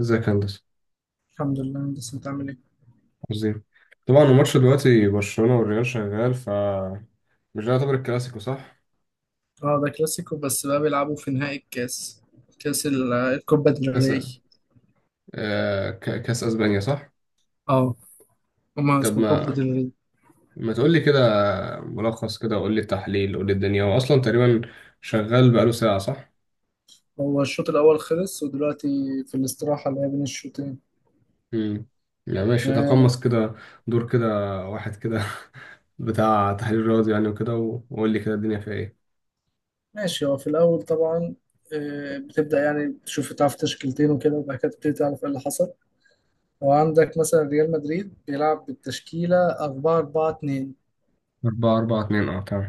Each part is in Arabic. ازيك يا هندسة؟ الحمد لله، بس انت عامل ايه؟ عظيم. طبعا الماتش دلوقتي برشلونة والريال شغال، مش ده يعتبر الكلاسيكو صح؟ اه، ده كلاسيكو بس بقى بيلعبوا في نهائي الكاس، الكوبا ديل كاس. ري. كاس اسبانيا صح؟ اه، هما طب اسمه كوبا ما ديل ري. ما تقول لي كده. ملخص كده، قول لي التحليل، قول لي الدنيا، هو اصلا تقريبا شغال بقاله ساعة صح؟ هو الشوط الاول خلص ودلوقتي في الاستراحة اللي هي بين الشوطين. امم يعني ماشي، يعني تقمص كده دور كده واحد كده، بتاع تحليل رياضي يعني، وقول لي كده الدنيا فيها ايه؟ ماشي. هو في الاول طبعا، بتبدأ يعني تشوف تعرف تشكيلتين وكده، وبعد كده تبتدي تعرف ايه اللي حصل. وعندك مثلا ريال مدريد بيلعب بالتشكيلة 4 4 2، 4 4 2، اه، تمام.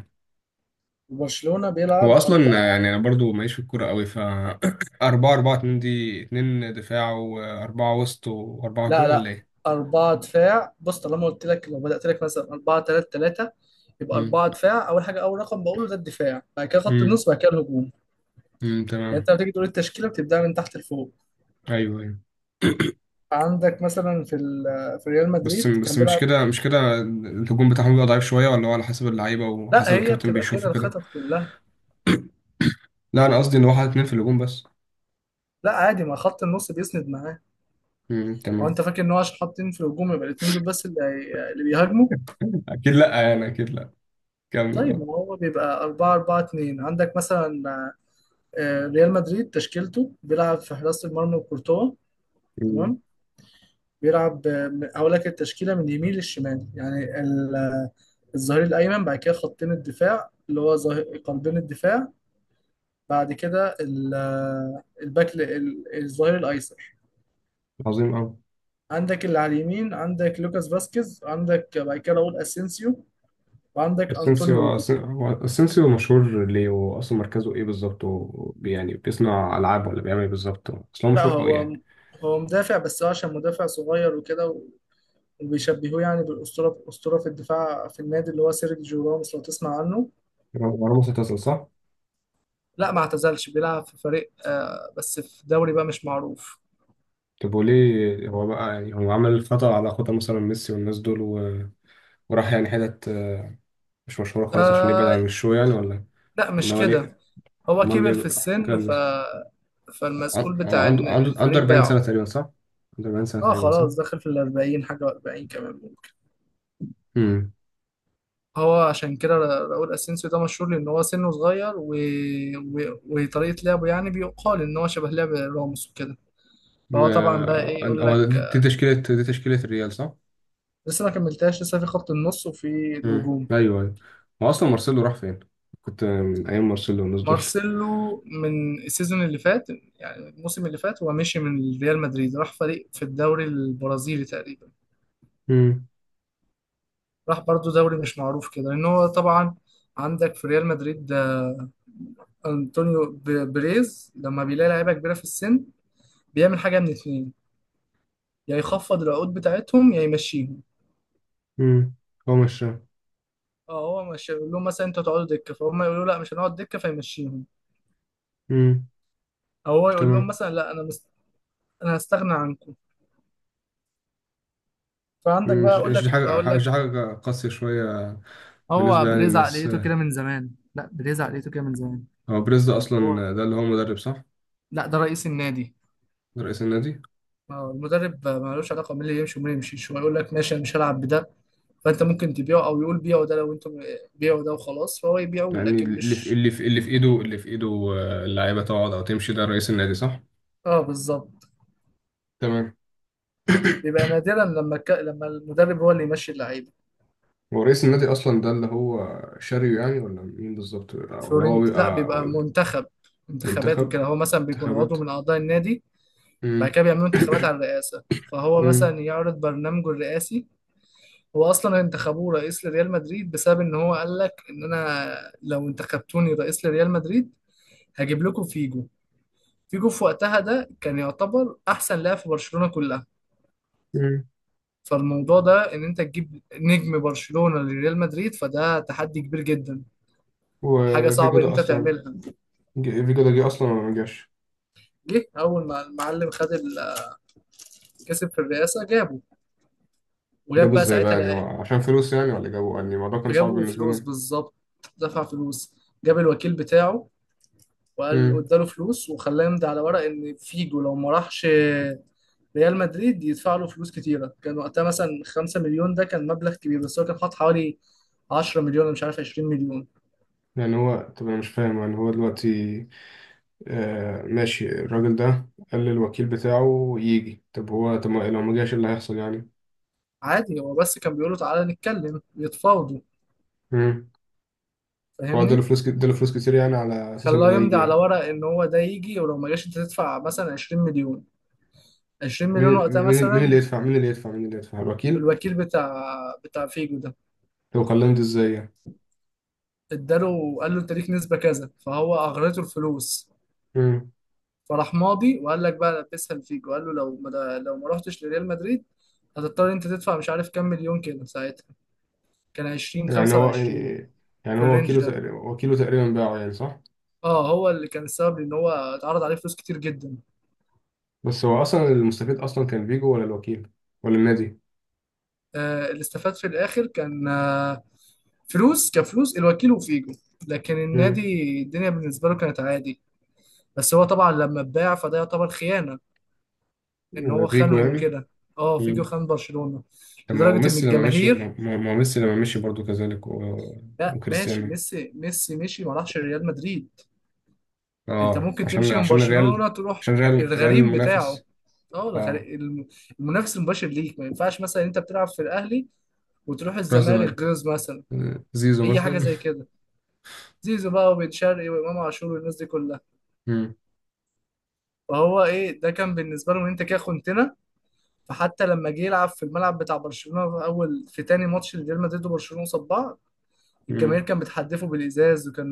وبرشلونة بيلعب. هو اصلا يعني انا برضو ماليش في الكوره قوي، 4 4 2، دي 2 دفاع واربعه وسط واربعه لا هجوم، ولا لا، ايه؟ أربعة دفاع. بص، طالما قلت لك لو بدأت لك مثلا أربعة تلاتة تلاتة، يبقى امم، أربعة دفاع أول حاجة. أول رقم بقوله ده الدفاع، بعد كده خط امم، النص، بعد كده الهجوم. امم، يعني تمام. أنت لما تيجي تقول التشكيلة بتبدأ من تحت لفوق. ايوه، ايوه. عندك مثلا في ريال بس مدريد بس كان مش بيلعب. كده، مش كده، الهجوم بتاعهم بيبقى ضعيف شويه، ولا هو على حسب اللعيبه لا، وحسب هي الكابتن بتبقى بيشوفه كده كده؟ الخطط كلها. لا، انا قصدي ان هو حاطط اتنين في الهجوم بس. لا عادي، ما خط النص بيسند معاه. امم، هو تمام. أنت فاكر إن هو عشان حاطين في الهجوم يبقى الاتنين دول بس اللي بيهاجموا. اكيد لا، يعني اكيد لا. كمل، طيب ما اه. هو بيبقى 4 4 2. عندك مثلا، ريال مدريد تشكيلته بيلعب في حراسة المرمى وكورتوا. أمم. تمام. اقول لك التشكيله من اليمين للشمال. يعني الظهير الايمن، بعد كده خطين الدفاع اللي هو قلبين الدفاع، بعد كده الباك، الظهير الايسر. عظيم قوي. عندك اللي على اليمين عندك لوكاس فاسكيز، عندك بعد كده راؤول اسينسيو، وعندك انطونيو اسينسيو. روديجر. هو اسينسيو مشهور ليه، واصلا مركزه ايه بالظبط يعني بيصنع العاب ولا بيعمل ايه بالظبط؟ اصلا هو لا مشهور قوي يعني. هو مدافع، بس هو عشان مدافع صغير وكده، وبيشبهوه يعني بالاسطوره، اسطوره في الدفاع في النادي، اللي هو سيرجيو راموس، لو تسمع عنه. هو راموس اعتزل صح؟ لا ما اعتزلش، بيلعب في فريق، بس في دوري بقى مش معروف. طب وليه هو بقى، يعني هو عمل خطأ على خطأ مثلا ميسي والناس دول و... وراح يعني حتت مش مشهورة خالص عشان يبعد آه. عن الشو يعني، ولا؟ لا مش ولا هو كده، ليه؟ هو امال ليه كبر في بقى؟ السن فالمسؤول هو بتاع عنده إن عنده عنده الفريق 40 سنة باعه. تقريبا صح؟ عنده 40 سنة اه تقريبا صح؟ خلاص، داخل في الأربعين حاجة، وأربعين كمان ممكن. امم هو عشان كده راؤول أسينسيو ده مشهور لأن هو سنه صغير وطريقة لعبه، يعني بيقال إن هو شبه لعب راموس وكده. فهو طبعا بقى إيه، يقول لك، هو دي تشكيلة الريال صح؟ لسه ما كملتهاش، لسه في خط النص وفي امم، الهجوم. ايوه، ايوه. هو اصلا مارسيلو راح فين؟ كنت من ايام مارسيلو والناس دول. مارسيلو من السيزون اللي فات، يعني الموسم اللي فات هو مشي من ريال مدريد، راح فريق في الدوري البرازيلي تقريبا. امم راح برضو دوري مش معروف كده، لان هو طبعا عندك في ريال مدريد ده انطونيو بريز لما بيلاقي لعيبه كبيره في السن بيعمل حاجه من اتنين: يا يخفض العقود بتاعتهم، يا يمشيهم. امم هو مش اه، هو مش يقول لهم مثلا انتوا هتقعدوا دكه، فهم يقولوا لا مش هنقعد دكه فيمشيهم. امم، او هو يقول لهم تمام. مثلا لا، انا هستغنى عنكم. فعندك مم. بقى مش اقول مش دي لك، هقول حاجه مش لك. دي حاجه قاسيه شويه؟ هو بالنسبه يعني بريز للناس. عقليته كده من زمان، لا بريز عقليته كده من زمان. هو بريز ده يعني هو، اصلا، ده اللي هو مدرب صح؟ لا ده رئيس النادي. ده رئيس النادي. المدرب، ملوش علاقه مين اللي يمشي ومين اللي يمشيش. هو يقول لك ماشي، انا مش هلعب بده، فانت ممكن تبيعه، او يقول بيعه ده لو انتم. بيعه ده وخلاص فهو يبيعه، يعني لكن مش. اللي في ايده، اللعيبه تقعد او تمشي، ده رئيس النادي صح؟ اه بالظبط. تمام. بيبقى نادرا لما المدرب هو اللي يمشي اللعيبه. هو رئيس النادي اصلا ده اللي هو شاريو يعني، ولا مين بالظبط، ولا هو فلورنت، لا بيبقى بيبقى ولا منتخب، انتخابات منتخب؟ وكده. هو مثلا بيكون انتخابات. عضو من اعضاء النادي، بعد امم. كده بيعملوا انتخابات على الرئاسه، فهو مم. مثلا يعرض برنامجه الرئاسي. هو اصلا انتخبوه رئيس لريال مدريد بسبب ان هو قال لك ان انا لو انتخبتوني رئيس لريال مدريد هجيب لكم فيجو. فيجو في وقتها ده كان يعتبر احسن لاعب في برشلونة كلها. مم. فالموضوع ده ان انت تجيب نجم برشلونة لريال مدريد، فده تحدي كبير جدا، حاجة وفيجو صعبة ان ده انت اصلا، تعملها. فيجو ده جه اصلا ولا ما جاش؟ جه اول ما المعلم خد كسب في الرئاسة جابه. وجاب جابه بقى ازاي بقى ساعتها يعني، هو لع- عشان فلوس يعني، ولا جابه يعني، الموضوع كان صعب جابوا بالنسبه فلوس لهم؟ بالظبط. دفع فلوس، جاب الوكيل بتاعه، وقال امم واداله فلوس، وخلاه يمضي على ورق ان فيجو لو ما راحش ريال مدريد يدفع له فلوس كتيره. كان وقتها مثلا 5 مليون، ده كان مبلغ كبير، بس هو كان حاط حوالي 10 مليون، أنا مش عارف، 20 مليون. يعني هو، طب انا مش فاهم يعني هو دلوقتي، ماشي، الراجل ده قال للوكيل بتاعه يجي، طب هو، طب ما- لو ما جاش إيه اللي هيحصل يعني؟ عادي هو بس كان بيقولوا تعالى نتكلم، يتفاوضوا، امم هو فاهمني. اداله فلوس كتير يعني، على اساس ان خلاه هو يمضي يجي على يعني؟ ورق ان هو ده يجي، ولو ما جاش انت تدفع مثلا 20 مليون. 20 مليون مين وقتها مين مثلا. مين اللي يدفع، الوكيل؟ الوكيل بتاع فيجو ده، طب كلمت ازاي يعني؟ اداله، قال له انت ليك نسبة كذا، فهو اغرته الفلوس. امم فراح ماضي وقال لك بقى لبسها الفيجو، قال له لو ما رحتش لريال مدريد هتضطر انت تدفع مش عارف كام مليون كده. ساعتها كان 20 يعني هو 25، يعني في هو الرينج ده. وكيله تقريبا باعه يعني صح؟ اه هو اللي كان السبب ان هو اتعرض عليه فلوس كتير جدا. بس هو اصلا المستفيد اصلا كان فيجو ولا الوكيل ولا النادي؟ اللي استفاد في الاخر كان، فلوس، كفلوس الوكيل وفيجو، لكن امم النادي الدنيا بالنسبه له كانت عادي. بس هو طبعا لما اتباع فده يعتبر خيانه، ان هو فيجو خانهم يعني. وكده. اه، امم فيجو خان برشلونه طب ما هو لدرجه ان ميسي لما مشي الجماهير. ما هو ميسي لما مشي برضو كذلك و... لا ماشي، وكريستيانو. ميسي مشي، ما راحش ريال مدريد. انت اه، ممكن تمشي من عشان الريال، برشلونة تروح عشان ريال الغريم بتاعه. المنافس. اه اه. المنافس المباشر ليك. ما ينفعش مثلا انت بتلعب في الاهلي وتروح راح الزمالك الزمالك، جوز مثلا، زيزو اي حاجه مثلا. زي كده. زيزو بقى، وبن شرقي، وامام عاشور، والناس دي كلها. امم، فهو ايه ده، كان بالنسبه له ان انت كده خنتنا. فحتى لما جه يلعب في الملعب بتاع برشلونه في اول، في تاني ماتش لريال مدريد وبرشلونه قصاد بعض، الجماهير امم. كان بتحدفه بالازاز، وكان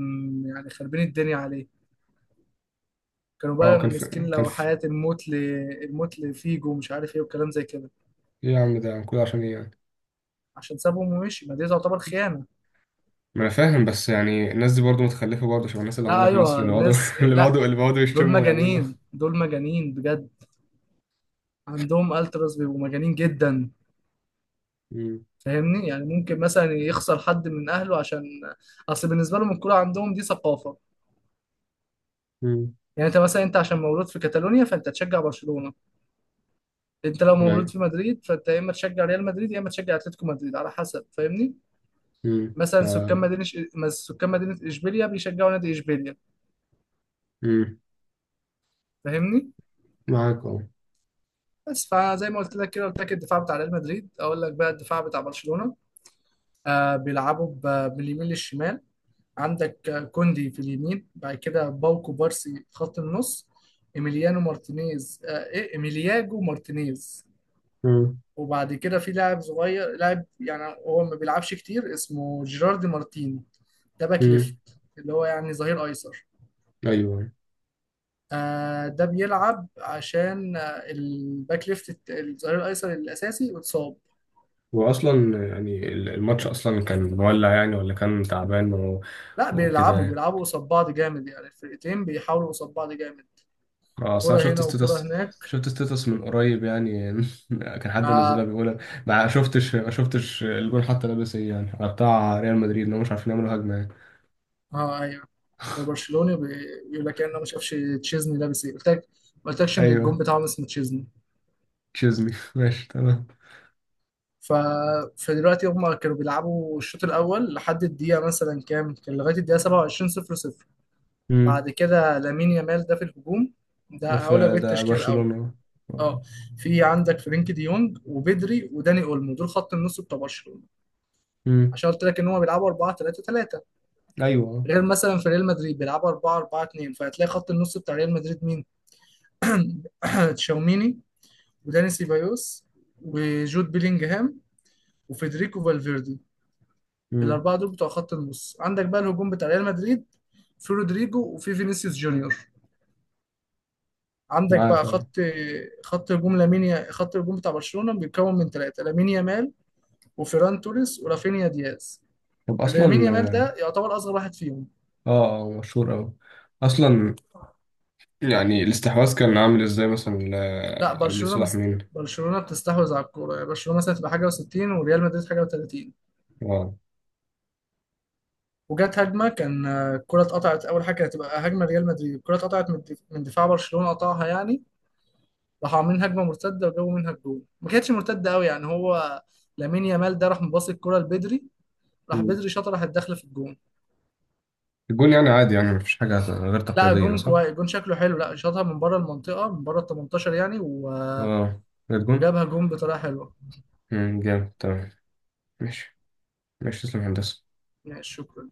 يعني خربين الدنيا عليه. كانوا اه، بقى ماسكين كان لو في. حياة، الموت لفيجو ومش عارف ايه وكلام زي كده. ايه يا عم، ده كل عشان ايه يعني؟ عشان سابهم ومشي، ما دي تعتبر خيانة. ما انا فاهم، بس يعني الناس دي برضو متخلفه، برضو شبه الناس اللي لا عندنا في مصر ايوه، اللي بيقعدوا الناس اللي لا، بيقعدوا اللي بيقعدوا دول يشتموا ويعملوا. مجانين، دول مجانين بجد. عندهم التراس بيبقوا مجانين جدا، امم، فاهمني. يعني ممكن مثلا يخسر حد من اهله عشان، اصل بالنسبة لهم الكورة عندهم دي ثقافة. امم، يعني انت مثلا، انت عشان مولود في كاتالونيا فانت تشجع برشلونة، انت لو مولود يعني، في مدريد فانت يا اما تشجع ريال مدريد يا اما تشجع اتلتيكو مدريد على حسب، فاهمني. امم، مثلا سكان مدينه، سكان مدينه اشبيليا بيشجعوا نادي اشبيليا، امم. فاهمني. معاك اه. بس فزي ما قلت لك كده، قلت لك الدفاع بتاع ريال مدريد. اقول لك بقى الدفاع بتاع برشلونه. آه بيلعبوا باليمين للشمال. عندك، كوندي في اليمين، بعد كده باوكو بارسي في خط النص، ايميليانو مارتينيز، آه ايه، ايميلياجو مارتينيز. مم. وبعد كده في لاعب صغير، لاعب يعني هو ما بيلعبش كتير، اسمه جيراردي مارتين، ده باك مم. ليفت، اللي هو يعني ظهير ايسر. ايوه. ده بيلعب عشان الباك ليفت، الظهير الايسر الاساسي اتصاب. واصلا يعني الماتش اصلا كان مولع يعني، ولا كان تعبان و... لا وكده بيلعبوا يعني؟ بيلعبوا قصاد بعض جامد، يعني الفرقتين بيحاولوا قصاد بعض جامد. اه، اصل كرة انا شفت هنا وكرة ستيتس، هناك. شفت ستيتس من قريب يعني. كان حد منزلها اه. بيقول. ما شفتش الجون حتى لابس ايه، يعني على بتاع ريال مدريد انهم مش عارفين يعملوا هجمه يعني؟ ايوه، هو برشلوني بيقول لك يعني انا ما شافش تشيزني لابس ايه. قلت لك، ما قلتلكش ان الجون ايوه. بتاعهم اسمه تشيزني. تشيزني. ماشي، تمام. ف... فدلوقتي هم كانوا بيلعبوا الشوط الاول لحد الدقيقه مثلا كام، كان لغايه الدقيقه 27، 0 0. امم. بعد كده لامين يامال ده في الهجوم، ده ده هقول لك في ده بالتشكيل الاول. برشلونه؟ اه، في عندك فرينك دي يونج وبدري وداني اولمو، دول خط النص بتوع برشلونه، امم. عشان قلت لك ان هم بيلعبوا 4 3 3، ايوه. غير مثلا في ريال مدريد بيلعبوا 4 4 2. فهتلاقي خط النص بتاع ريال مدريد مين: تشاوميني، وداني سيبايوس، وجود بيلينجهام، وفيدريكو فالفيردي. امم. الاربعه دول بتوع خط النص. عندك بقى الهجوم بتاع ريال مدريد: في رودريجو، وفي فينيسيوس جونيور. عندك معاك بقى اه. خط هجوم لامين، خط الهجوم بتاع برشلونه بيتكون من ثلاثه: لامين يامال، وفيران توريس، ورافينيا دياز. طب لامين يامال اصلا. ده يعتبر اصغر واحد فيهم. اه. مشهور أوي أصلا. يعني الاستحواذ كان عامل ازاي مثلا؟ لا برشلونه لصالح مين؟ برشلونه بتستحوذ على الكوره. يعني برشلونه مثلا تبقى حاجه و60، وريال مدريد حاجه و30. اه. وجت هجمه، كان الكره اتقطعت، اول حاجه كانت هتبقى هجمه ريال مدريد. الكره اتقطعت من من دفاع برشلونه قطعها يعني. راحوا عاملين هجمه مرتده، وجابوا منها الجول. ما كانتش مرتده قوي يعني. هو لامين يامال ده راح مباصي الكره لبدري، راح مم. بدري شاطها راحت داخله في الجون. الجون يعني عادي، يعني مفيش حاجة غير لا تقليدية الجون صح؟ كويس، الجون شكله حلو، لا شاطها من بره المنطقه، من بره ال 18 يعني، اه. الجون؟ وجابها جون بطريقه حلوه. مم، جامد، تمام. ماشي. ماشي، تسلم يا هندسة. ماشي شكرا.